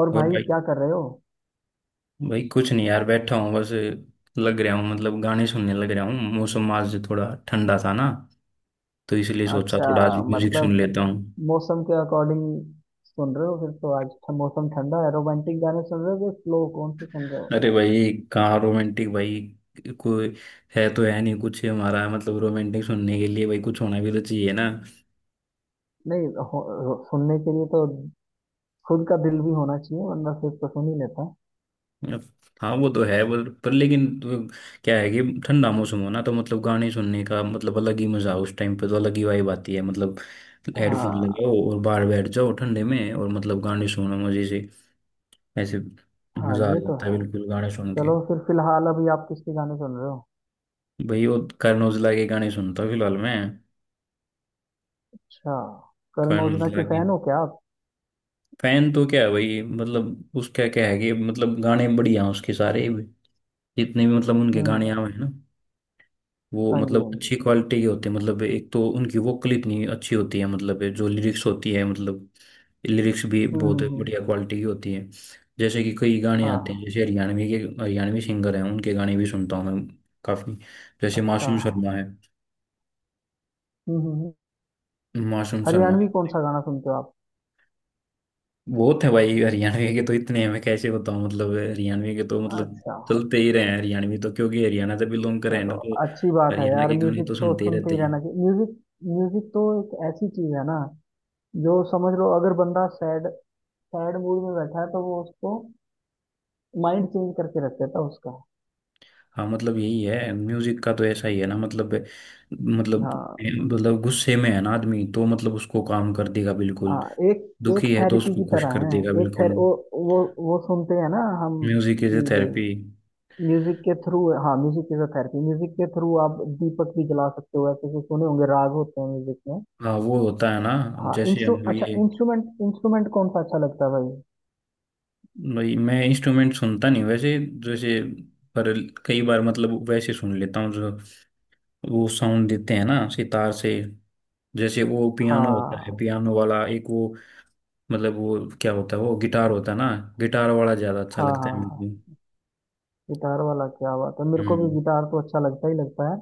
और और भाई भाई। क्या कर रहे हो? भाई कुछ नहीं यार, बैठा हूँ बस। लग रहा हूँ मतलब गाने सुनने लग रहा हूँ। मौसम आज थोड़ा ठंडा था ना, तो इसलिए सोचा अच्छा, थोड़ा आज म्यूजिक सुन मतलब लेता हूँ। मौसम के अकॉर्डिंग सुन रहे हो? फिर तो आज मौसम ठंडा है, रोमांटिक गाने सुन रहे हो कि स्लो, कौन से सुन रहे हो? अरे भाई कहाँ रोमांटिक भाई, कोई है तो है नहीं कुछ हमारा, मतलब रोमांटिक सुनने के लिए भाई कुछ होना भी तो चाहिए ना। नहीं सुनने के लिए तो खुद का दिल भी होना चाहिए, वरना फिर तो सुन ही लेता। हाँ वो तो है पर, लेकिन तो क्या है कि ठंडा मौसम हो ना, तो मतलब गाने सुनने का मतलब अलग ही मजा, उस टाइम पे तो अलग ही वाइब आती है मतलब। हेडफोन हाँ। लगाओ और बाहर बैठ जाओ ठंडे में, और मतलब गाने सुनो मजे से, ऐसे। हाँ, मजा आ ये तो जाता है है। बिल्कुल गाने सुन के। चलो फिर फिलहाल अभी आप किसके गाने सुन रहे हो? भाई वो करण औजला के गाने सुनता हूँ फिलहाल मैं। अच्छा, करण करण ओजला औजला के के फैन हो क्या आप? फैन तो क्या है भाई, मतलब उसका क्या है कि मतलब गाने बढ़िया हैं उसके सारे भी, जितने भी मतलब उनके हम्म। गाने आए हैं ना, वो हाँ जी, मतलब हाँ जी। अच्छी क्वालिटी के होते हैं। मतलब एक तो उनकी वोकल इतनी अच्छी होती है, मतलब जो लिरिक्स होती है, मतलब लिरिक्स भी हम्म, बहुत हम्म, बढ़िया क्वालिटी की होती है। जैसे कि कई गाने आते हैं हाँ। जैसे हरियाणवी के, हरियाणवी सिंगर हैं उनके गाने भी सुनता हूँ मैं काफ़ी, जैसे अच्छा। मासूम शर्मा है। हम्म, हम्म, मासूम शर्मा। हरियाणवी कौन सा गाना सुनते हो आप? बहुत है भाई हरियाणवी के तो, इतने हैं मैं कैसे बताऊं, मतलब हरियाणवी के तो मतलब अच्छा। चलते ही रहे हैं हरियाणवी, तो क्योंकि हरियाणा से बिलोंग कर रहे हैं चलो, ना तो। अच्छी बात है हरियाणा यार, के गाने तो म्यूजिक तो सुनते ही सुनते रहते ही हैं। रहना चाहिए। म्यूजिक म्यूजिक तो एक ऐसी चीज है ना, जो समझ लो अगर बंदा सैड सैड मूड में बैठा है तो वो उसको माइंड चेंज करके रख देता है उसका। हाँ मतलब यही है म्यूजिक का तो, ऐसा ही है ना मतलब। मतलब हाँ। गुस्से में है ना आदमी, तो मतलब उसको काम कर देगा बिल्कुल। हाँ, एक एक दुखी है तो थेरेपी की उसको खुश तरह कर देगा है। एक थेर बिल्कुल। वो सुनते हैं ना हम म्यूजिक इज ए कि वो थेरेपी। म्यूजिक के थ्रू, हाँ, music is a therapy. Music के थ्रू आप दीपक भी जला सकते हो, ऐसे ऐसे सुने होंगे राग होते हैं म्यूजिक में। हाँ वो होता है ना। हाँ जैसे इंस्ट्रू हम अच्छा, ये, इंस्ट्रूमेंट इंस्ट्रूमेंट कौन सा अच्छा लगता है भाई? भाई मैं इंस्ट्रूमेंट सुनता नहीं वैसे। जैसे, पर कई बार मतलब वैसे सुन लेता हूँ, जो वो साउंड देते हैं ना सितार से। जैसे वो पियानो होता है, हाँ, पियानो वाला एक वो, मतलब वो क्या होता है, वो गिटार होता है ना। गिटार वाला ज्यादा अच्छा हाँ, लगता है हाँ। हाँ, मुझे। गिटार वाला, क्या बात है, मेरे को भी हम्म। गिटार तो अच्छा लगता ही लगता है।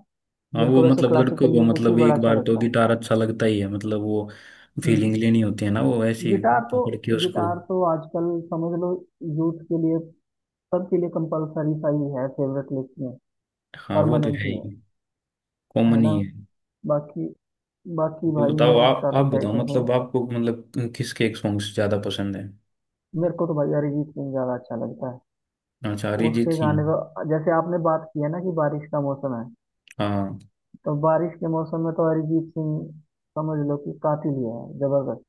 हाँ मेरे वो को वैसे मतलब लड़कों क्लासिकल को म्यूजिक मतलब भी बड़ा एक अच्छा बार तो लगता है। गिटार अच्छा लगता ही है, मतलब वो फीलिंग हम्म। लेनी होती है ना वो ऐसी, गिटार तो पकड़ के उसको। गिटार तो आजकल समझ लो यूथ के लिए, सबके लिए कंपलसरी सा ही है, फेवरेट लिस्ट में हाँ वो तो परमानेंट है ही है। ही। है कॉमन ना। ही है। बाकी बाकी ये भाई बताओ म्यूजिक आप का आप तो क्या ही बताओ, कह रहे मतलब हैं। आपको मतलब किसके एक सॉन्ग्स ज्यादा पसंद है। मेरे को तो भाई अरिजीत सिंह ज्यादा अच्छा लगता है। अच्छा, अरिजीत उसके सिंह। गाने तो, जैसे आपने बात किया ना कि बारिश का मौसम है, हाँ। तो बारिश के मौसम में तो अरिजीत सिंह समझ लो कि कातिल ही है, जबरदस्त।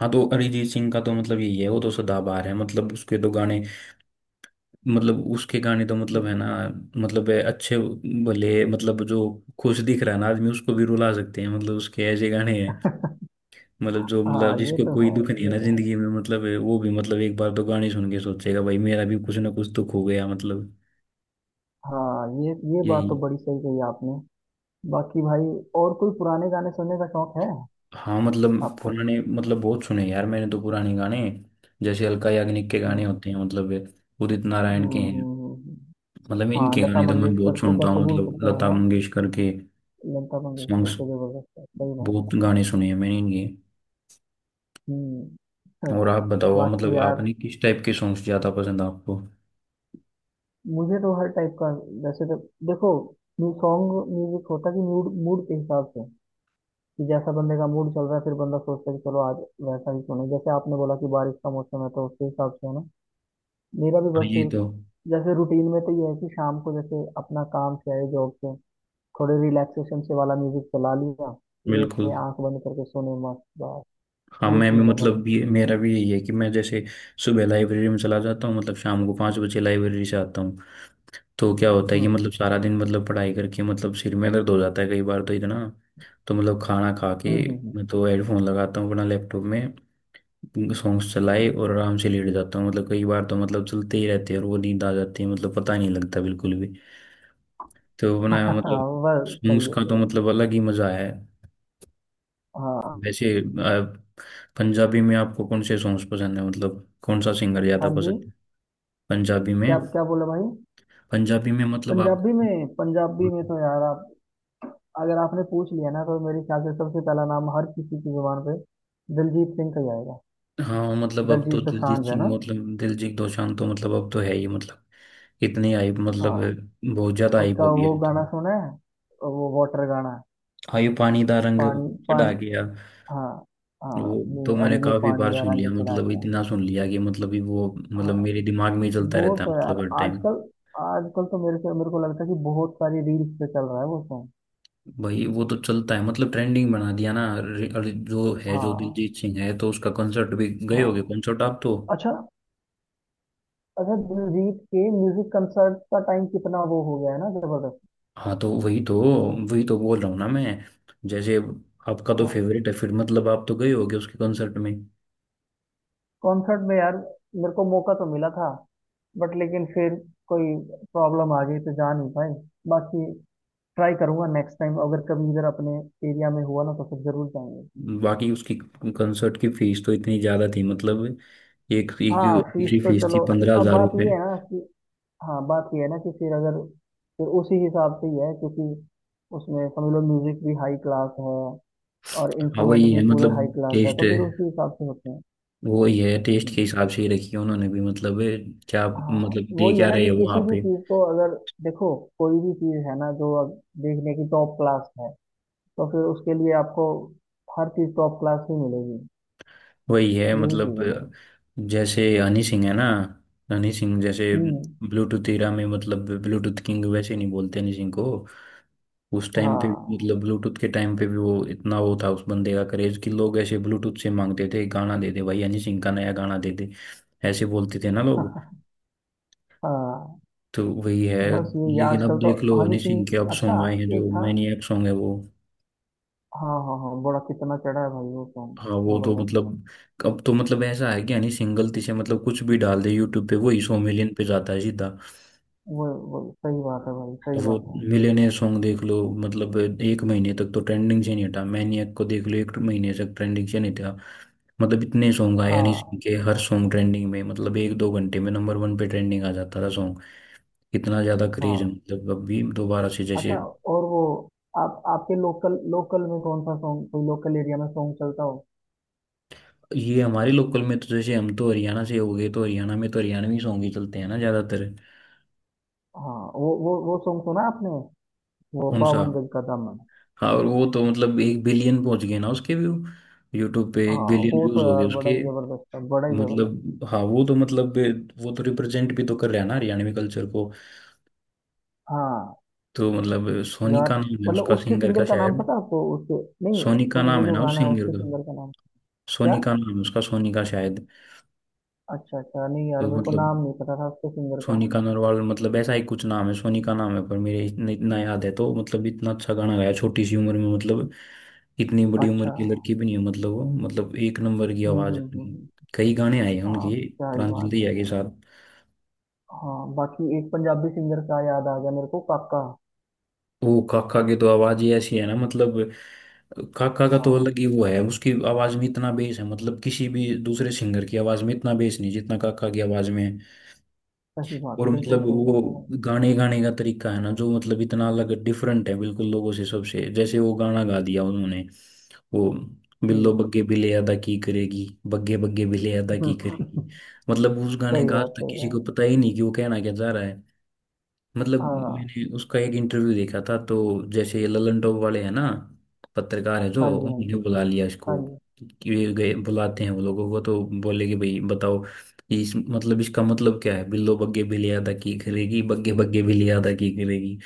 हाँ तो अरिजीत सिंह का तो मतलब यही है, वो तो सदाबहार है, मतलब उसके तो गाने, मतलब उसके गाने तो मतलब है हम्म। ना, मतलब है अच्छे। भले मतलब जो खुश दिख रहा है ना आदमी, उसको भी रुला सकते हैं मतलब, उसके ऐसे गाने हैं। मतलब जो मतलब हाँ, ये जिसको तो कोई है। दुख नहीं है ये ना तो है। जिंदगी में, मतलब है, वो भी मतलब एक बार तो गाने सुन के सोचेगा भाई मेरा भी कुछ ना कुछ दुख हो गया मतलब। हाँ, ये बात तो यही। बड़ी सही कही आपने। बाकी भाई, और कोई पुराने गाने सुनने का शौक है हाँ मतलब आपको? पुराने मतलब बहुत सुने यार मैंने तो पुराने गाने, जैसे अलका याग्निक के गाने हम्म, होते हैं, मतलब ये उदित हम्म, नारायण के हम्म, हैं। हम्म। मतलब हाँ, इनके लता गाने तो मैं मंगेशकर बहुत को सुनता कैसे हूँ, भूल मतलब सकते हैं लता ना। मंगेशकर के लता मंगेशकर सॉन्ग्स, तो जबरदस्त है, सही बात। बहुत गाने सुने हैं मैंने इनके। हम्म। हाँ। और आप बताओ, आप बाकी मतलब यार, आपने किस टाइप के सॉन्ग्स ज़्यादा पसंद है आपको। मुझे तो हर टाइप का वैसे तो, देखो, सॉन्ग म्यूजिक होता कि मूड मूड के हिसाब से, कि जैसा बंदे का मूड चल रहा है फिर बंदा सोचता है कि चलो आज वैसा ही सुने। जैसे आपने बोला कि बारिश का मौसम है तो उसके हिसाब से, है ना। मेरा भी हाँ बस ये फिर तो जैसे रूटीन में तो ये है कि शाम को जैसे अपना काम से आए, जॉब से, थोड़े रिलैक्सेशन से वाला म्यूजिक चला लिया, बिल्कुल। लेटे आंख बंद करके सोने, मस्त बस। हाँ ये मैं भी चीज़ है भाई। मतलब ये मेरा भी यही है कि, मैं जैसे सुबह लाइब्रेरी में चला जाता हूँ, मतलब शाम को 5 बजे लाइब्रेरी से आता हूँ। तो क्या होता है कि हम्म, मतलब सारा दिन मतलब पढ़ाई करके मतलब सिर में दर्द हो जाता है कई बार तो इतना, तो मतलब खाना खा हम्म, के हम्म, हम्म, मैं तो हेडफोन लगाता हूँ अपना लैपटॉप में, सॉन्ग्स चलाए हम्म। और आराम से लेट जाता हूँ। मतलब कई बार तो मतलब चलते ही रहते हैं, और वो नींद आ जाती है मतलब, पता नहीं लगता बिल्कुल भी। तो अपना हाँ, मतलब बस सॉन्ग्स सही है, का सही तो है। मतलब अलग ही मजा है। हाँ। वैसे पंजाबी में आपको कौन से सॉन्ग्स पसंद है, मतलब कौन सा सिंगर ज्यादा हाँ जी। पसंद है पंजाबी में, क्या क्या बोला भाई? मतलब आपको। पंजाबी में तो यार आप, अगर आपने पूछ लिया ना तो मेरे ख्याल से सबसे पहला नाम हर किसी की जुबान पे दिलजीत सिंह का ही आएगा। हाँ मतलब अब तो दिलजीत दिलजीत दोसांझ, है ना। सिंह, मतलब दिलजीत दोसांझ तो मतलब अब तो है ही मतलब, इतनी हाइप मतलब, हाँ। बहुत ज्यादा हाइप हो उसका गया वो तो। गाना सुना है, वो वाटर गाना? हाय पानी दा रंग पानी चढ़ा पानी। गया। हाँ। वो हाँ ये तो मैंने अड़िए काफी बार पानी का सुन लिया, रंग चढ़ा मतलब के। इतना सुन लिया कि मतलब ये वो मतलब हाँ, मेरे दिमाग में ही चलता वो रहता है तो यार मतलब हर टाइम। आजकल आजकल तो मेरे से मेरे को लगता है कि बहुत सारी रील्स पे चल रहा है वो सॉन्ग। भाई वो तो चलता है मतलब ट्रेंडिंग बना दिया ना। अरे, जो है जो हाँ। दिलजीत सिंह है, तो उसका कंसर्ट भी गए होगे, हाँ। कंसर्ट आप तो। अच्छा। अच्छा, दिलजीत के म्यूजिक कंसर्ट का टाइम कितना वो हो गया है ना, जबरदस्त। हाँ तो वही तो, बोल रहा हूँ ना मैं। जैसे आपका तो हाँ, फेवरेट है फिर, मतलब आप तो गए होगे उसके कंसर्ट में। कॉन्सर्ट में यार मेरे को मौका तो मिला था, बट लेकिन फिर कोई प्रॉब्लम आ गई तो जा नहीं पाए। बाकी ट्राई करूंगा नेक्स्ट टाइम, अगर कभी इधर अपने एरिया में हुआ ना तो फिर जरूर जाएंगे। बाकी उसकी कंसर्ट की फीस तो इतनी ज़्यादा थी मतलब, एक एक हाँ, फीस एंट्री तो फीस थी चलो, पंद्रह अब हज़ार बात रुपये ये है ना कि, हाँ, बात ये है ना कि फिर अगर फिर उसी हिसाब से ही है, क्योंकि उसमें समझ लो म्यूजिक भी हाई क्लास है और हाँ इंस्ट्रूमेंट वही भी है पूरे मतलब हाई क्लास है, टेस्ट, तो फिर उसी हिसाब से होते हैं। वही है टेस्ट के हम्म। हिसाब से ही रखी है उन्होंने भी मतलब। क्या हाँ, मतलब दे वही है क्या ना रहे कि हो वहाँ किसी भी पे। चीज को अगर, देखो कोई भी चीज है ना जो अब देखने की टॉप क्लास है, तो फिर उसके लिए आपको हर चीज टॉप क्लास ही मिलेगी। वही है यही चीज मतलब। है भाई। जैसे हनी सिंह है ना, हनी सिंह जैसे हम्म। ब्लूटूथ एरा में, मतलब ब्लूटूथ किंग वैसे नहीं बोलते हनी सिंह को। उस टाइम पे भी मतलब हाँ। ब्लूटूथ के टाइम पे भी, वो इतना वो था उस बंदे का करेज कि, लोग ऐसे ब्लूटूथ से मांगते थे, गाना दे दे भाई हनी सिंह का नया गाना दे दे, ऐसे बोलते थे ना लोग। हाँ, तो वही है। बस ये लेकिन अब आजकल तो। देख लो हनी हनी सिंह सिंह, के अब अच्छा, सॉन्ग आए हैं, एक जो था। मैनिएक सॉन्ग है वो। हाँ, हाँ, हाँ, बड़ा कितना चढ़ा है भाई वो सॉन्ग, हाँ वो तो जबरदस्त। मतलब, अब तो मतलब ऐसा है कि, हनी सिंह गलती से मतलब कुछ भी डाल दे यूट्यूब पे, वही 100 मिलियन पे जाता है सीधा। वो वो, सही बात है भाई, सही वो बात है। मिलियनेयर सॉन्ग देख लो मतलब, एक महीने तक तो ट्रेंडिंग से नहीं हटा, मैनिएक को देख लो, एक महीने तक ट्रेंडिंग से नहीं था। मतलब इतने सॉन्ग आए हनी हाँ। सिंह के, हर सॉन्ग ट्रेंडिंग में, मतलब एक दो घंटे में नंबर 1 पे ट्रेंडिंग आ जाता था सॉन्ग। इतना ज्यादा क्रेज है हाँ। मतलब, अभी दोबारा से जैसे। अच्छा। और वो, आप आपके लोकल लोकल में कौन सा सॉन्ग, कोई लोकल एरिया में सॉन्ग चलता हो? ये हमारे लोकल में तो जैसे, हम तो हरियाणा से हो गए, तो हरियाणा में तो हरियाणवी सॉन्ग ही चलते हैं ना ज्यादातर। हाँ, वो सॉन्ग सुना आपने, वो कौन सा। बावन गज का दामन? हाँ, और वो तो मतलब 1 बिलियन पहुंच गए ना उसके व्यू, यूट्यूब पे एक हाँ, बिलियन वो व्यूज तो हो गए यार बड़ा उसके। ही जबरदस्त था, बड़ा ही जबरदस्त। मतलब हाँ वो तो मतलब, वो तो रिप्रेजेंट भी तो कर रहा है ना हरियाणवी कल्चर को। हाँ तो मतलब सोनी यार, का नाम है मतलब उसका, उसके सिंगर का सिंगर का नाम शायद। पता है आपको उसके? नहीं सोनी का उस, वो नाम है जो ना उस गाना है सिंगर उसके का, सिंगर का नाम क्या? सोनिका नाम है उसका, सोनिका शायद। अच्छा, अच्छा, नहीं यार तो मेरे को मतलब नाम नहीं पता था उसके सिंगर का। सोनिका नरवाल, मतलब ऐसा ही कुछ नाम है। सोनिका नाम है पर, मेरे इतना इतना याद है तो, मतलब इतना अच्छा गाना गाया छोटी सी उम्र में मतलब, इतनी बड़ी उम्र अच्छा। की लड़की भी नहीं है मतलब वो, मतलब एक नंबर की हम्म, आवाज है हम्म, हम्म, उनकी। कई गाने आए हैं हाँ, उनकी, क्या ही प्रांजल बात है दहिया के यार। साथ। हाँ, बाकी एक पंजाबी सिंगर का याद आ गया मेरे को, काका। वो काका की तो आवाज ही ऐसी है ना मतलब, काका का तो हाँ, अलग ही वो है, उसकी आवाज में इतना बेस है मतलब, किसी भी दूसरे सिंगर की आवाज में इतना बेस नहीं जितना काका की आवाज में है। सही बात, और बिल्कुल मतलब सही वो बात है यार। गाने, गाने का तरीका है ना जो, मतलब इतना अलग डिफरेंट है बिल्कुल लोगों से सबसे, जैसे वो गाना गा दिया उन्होंने, वो बिल्लो हम्म। बग्गे बिले अदा की करेगी, बग्गे बग्गे बिले अदा की करेगी। सही मतलब उस गाने का आज बात, तक सही किसी बात। को पता ही नहीं कि वो कहना क्या चाह रहा है। मतलब हाँ मैंने उसका एक इंटरव्यू देखा था तो, जैसे ये ललन टॉप वाले हैं ना पत्रकार है जो, हाँ जी, हाँ उन्होंने जी। बुला लिया हाँ इसको जी। कि, ये गए बुलाते हैं वो लोगों को, तो बोले कि भाई बताओ इस, मतलब इसका मतलब क्या है बिल्लो बग्गे बिलियादा की करेगी, बग्गे बग्गे बिलियादा की करेगी।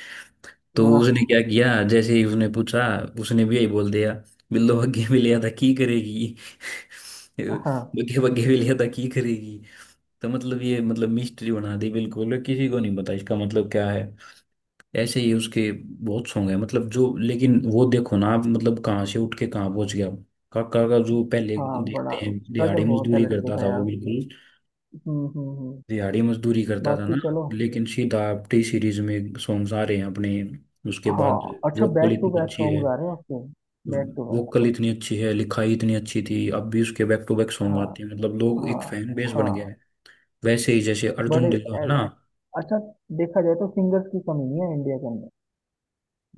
तो उसने हाँ, क्या किया, जैसे ही उसने पूछा उसने भी यही बोल दिया, बिल्लो बग्गे बिलियादा की करेगी, हाँ, बग्गे बग्गे बिलियादा की करेगी। तो मतलब ये मतलब मिस्ट्री बना दी बिल्कुल, किसी को नहीं पता इसका मतलब क्या है। ऐसे ही उसके बहुत सॉन्ग है मतलब जो, लेकिन वो देखो ना आप, मतलब कहाँ से उठ के कहाँ पहुंच गया, काका का जो पहले हाँ, बड़ा देखते हैं दिहाड़ी स्ट्रगल बहुत है मजदूरी लड़के करता का था वो, यार। बिल्कुल हम्म, हम्म, हम्म। दिहाड़ी मजदूरी करता था ना। बाकी चलो। लेकिन सीधा आप टी सीरीज में सॉन्ग्स आ रहे हैं अपने उसके बाद। हाँ, अच्छा, वोकल बैक टू इतनी बैक अच्छी है, सॉन्ग्स आ रहे हैं आपके, बैक टू बैक। वोकल इतनी अच्छी है, लिखाई इतनी अच्छी थी, अब भी उसके बैक टू बैक सॉन्ग हाँ, आते हैं मतलब, लोग एक हाँ, फैन बेस बन गया हाँ। है। वैसे ही जैसे अर्जुन बड़े ढिल्लों है ना। ऐ- अच्छा, देखा जाए तो सिंगर्स की कमी नहीं है इंडिया के अंदर।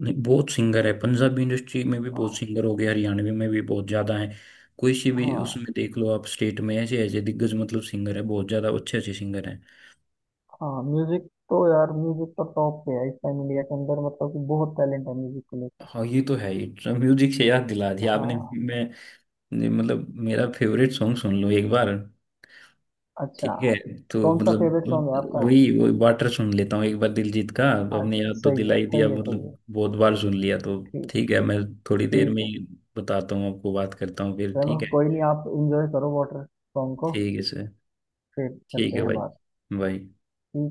नहीं, बहुत सिंगर है पंजाबी इंडस्ट्री में भी, बहुत सिंगर हो गए हरियाणवी में भी, बहुत ज्यादा है। कोई सी भी हाँ। उसमें देख लो आप स्टेट में, ऐसे ऐसे दिग्गज मतलब सिंगर है, बहुत ज्यादा अच्छे अच्छे सिंगर हैं। हाँ, म्यूजिक तो यार, म्यूजिक तो टॉप पे है इस टाइम इंडिया के अंदर, मतलब कि बहुत टैलेंट है म्यूजिक को लेकर। हाँ ये तो है ही। म्यूजिक से याद दिला दिया आपने। हाँ। मैं ने- मतलब मेरा फेवरेट सॉन्ग सुन लो एक बार। ठीक अच्छा, है। तो कौन सा फेवरेट मतलब सॉन्ग है आपका? वही वही वाटर सुन लेता हूँ एक बार दिलजीत का। अपने अच्छा, याद तो सही दिला है, ही दिया, सही है, सही मतलब है। बहुत बार सुन लिया तो। ठीक, ठीक है, मैं थोड़ी देर ठीक में है। ही बताता हूँ आपको, बात करता हूँ फिर। चलो, ठीक है, कोई नहीं, आप इंजॉय करो वाटर सॉन्ग को। ठीक है सर। फिर ठीक करते है हैं भाई। बात। भाई। ठीक है।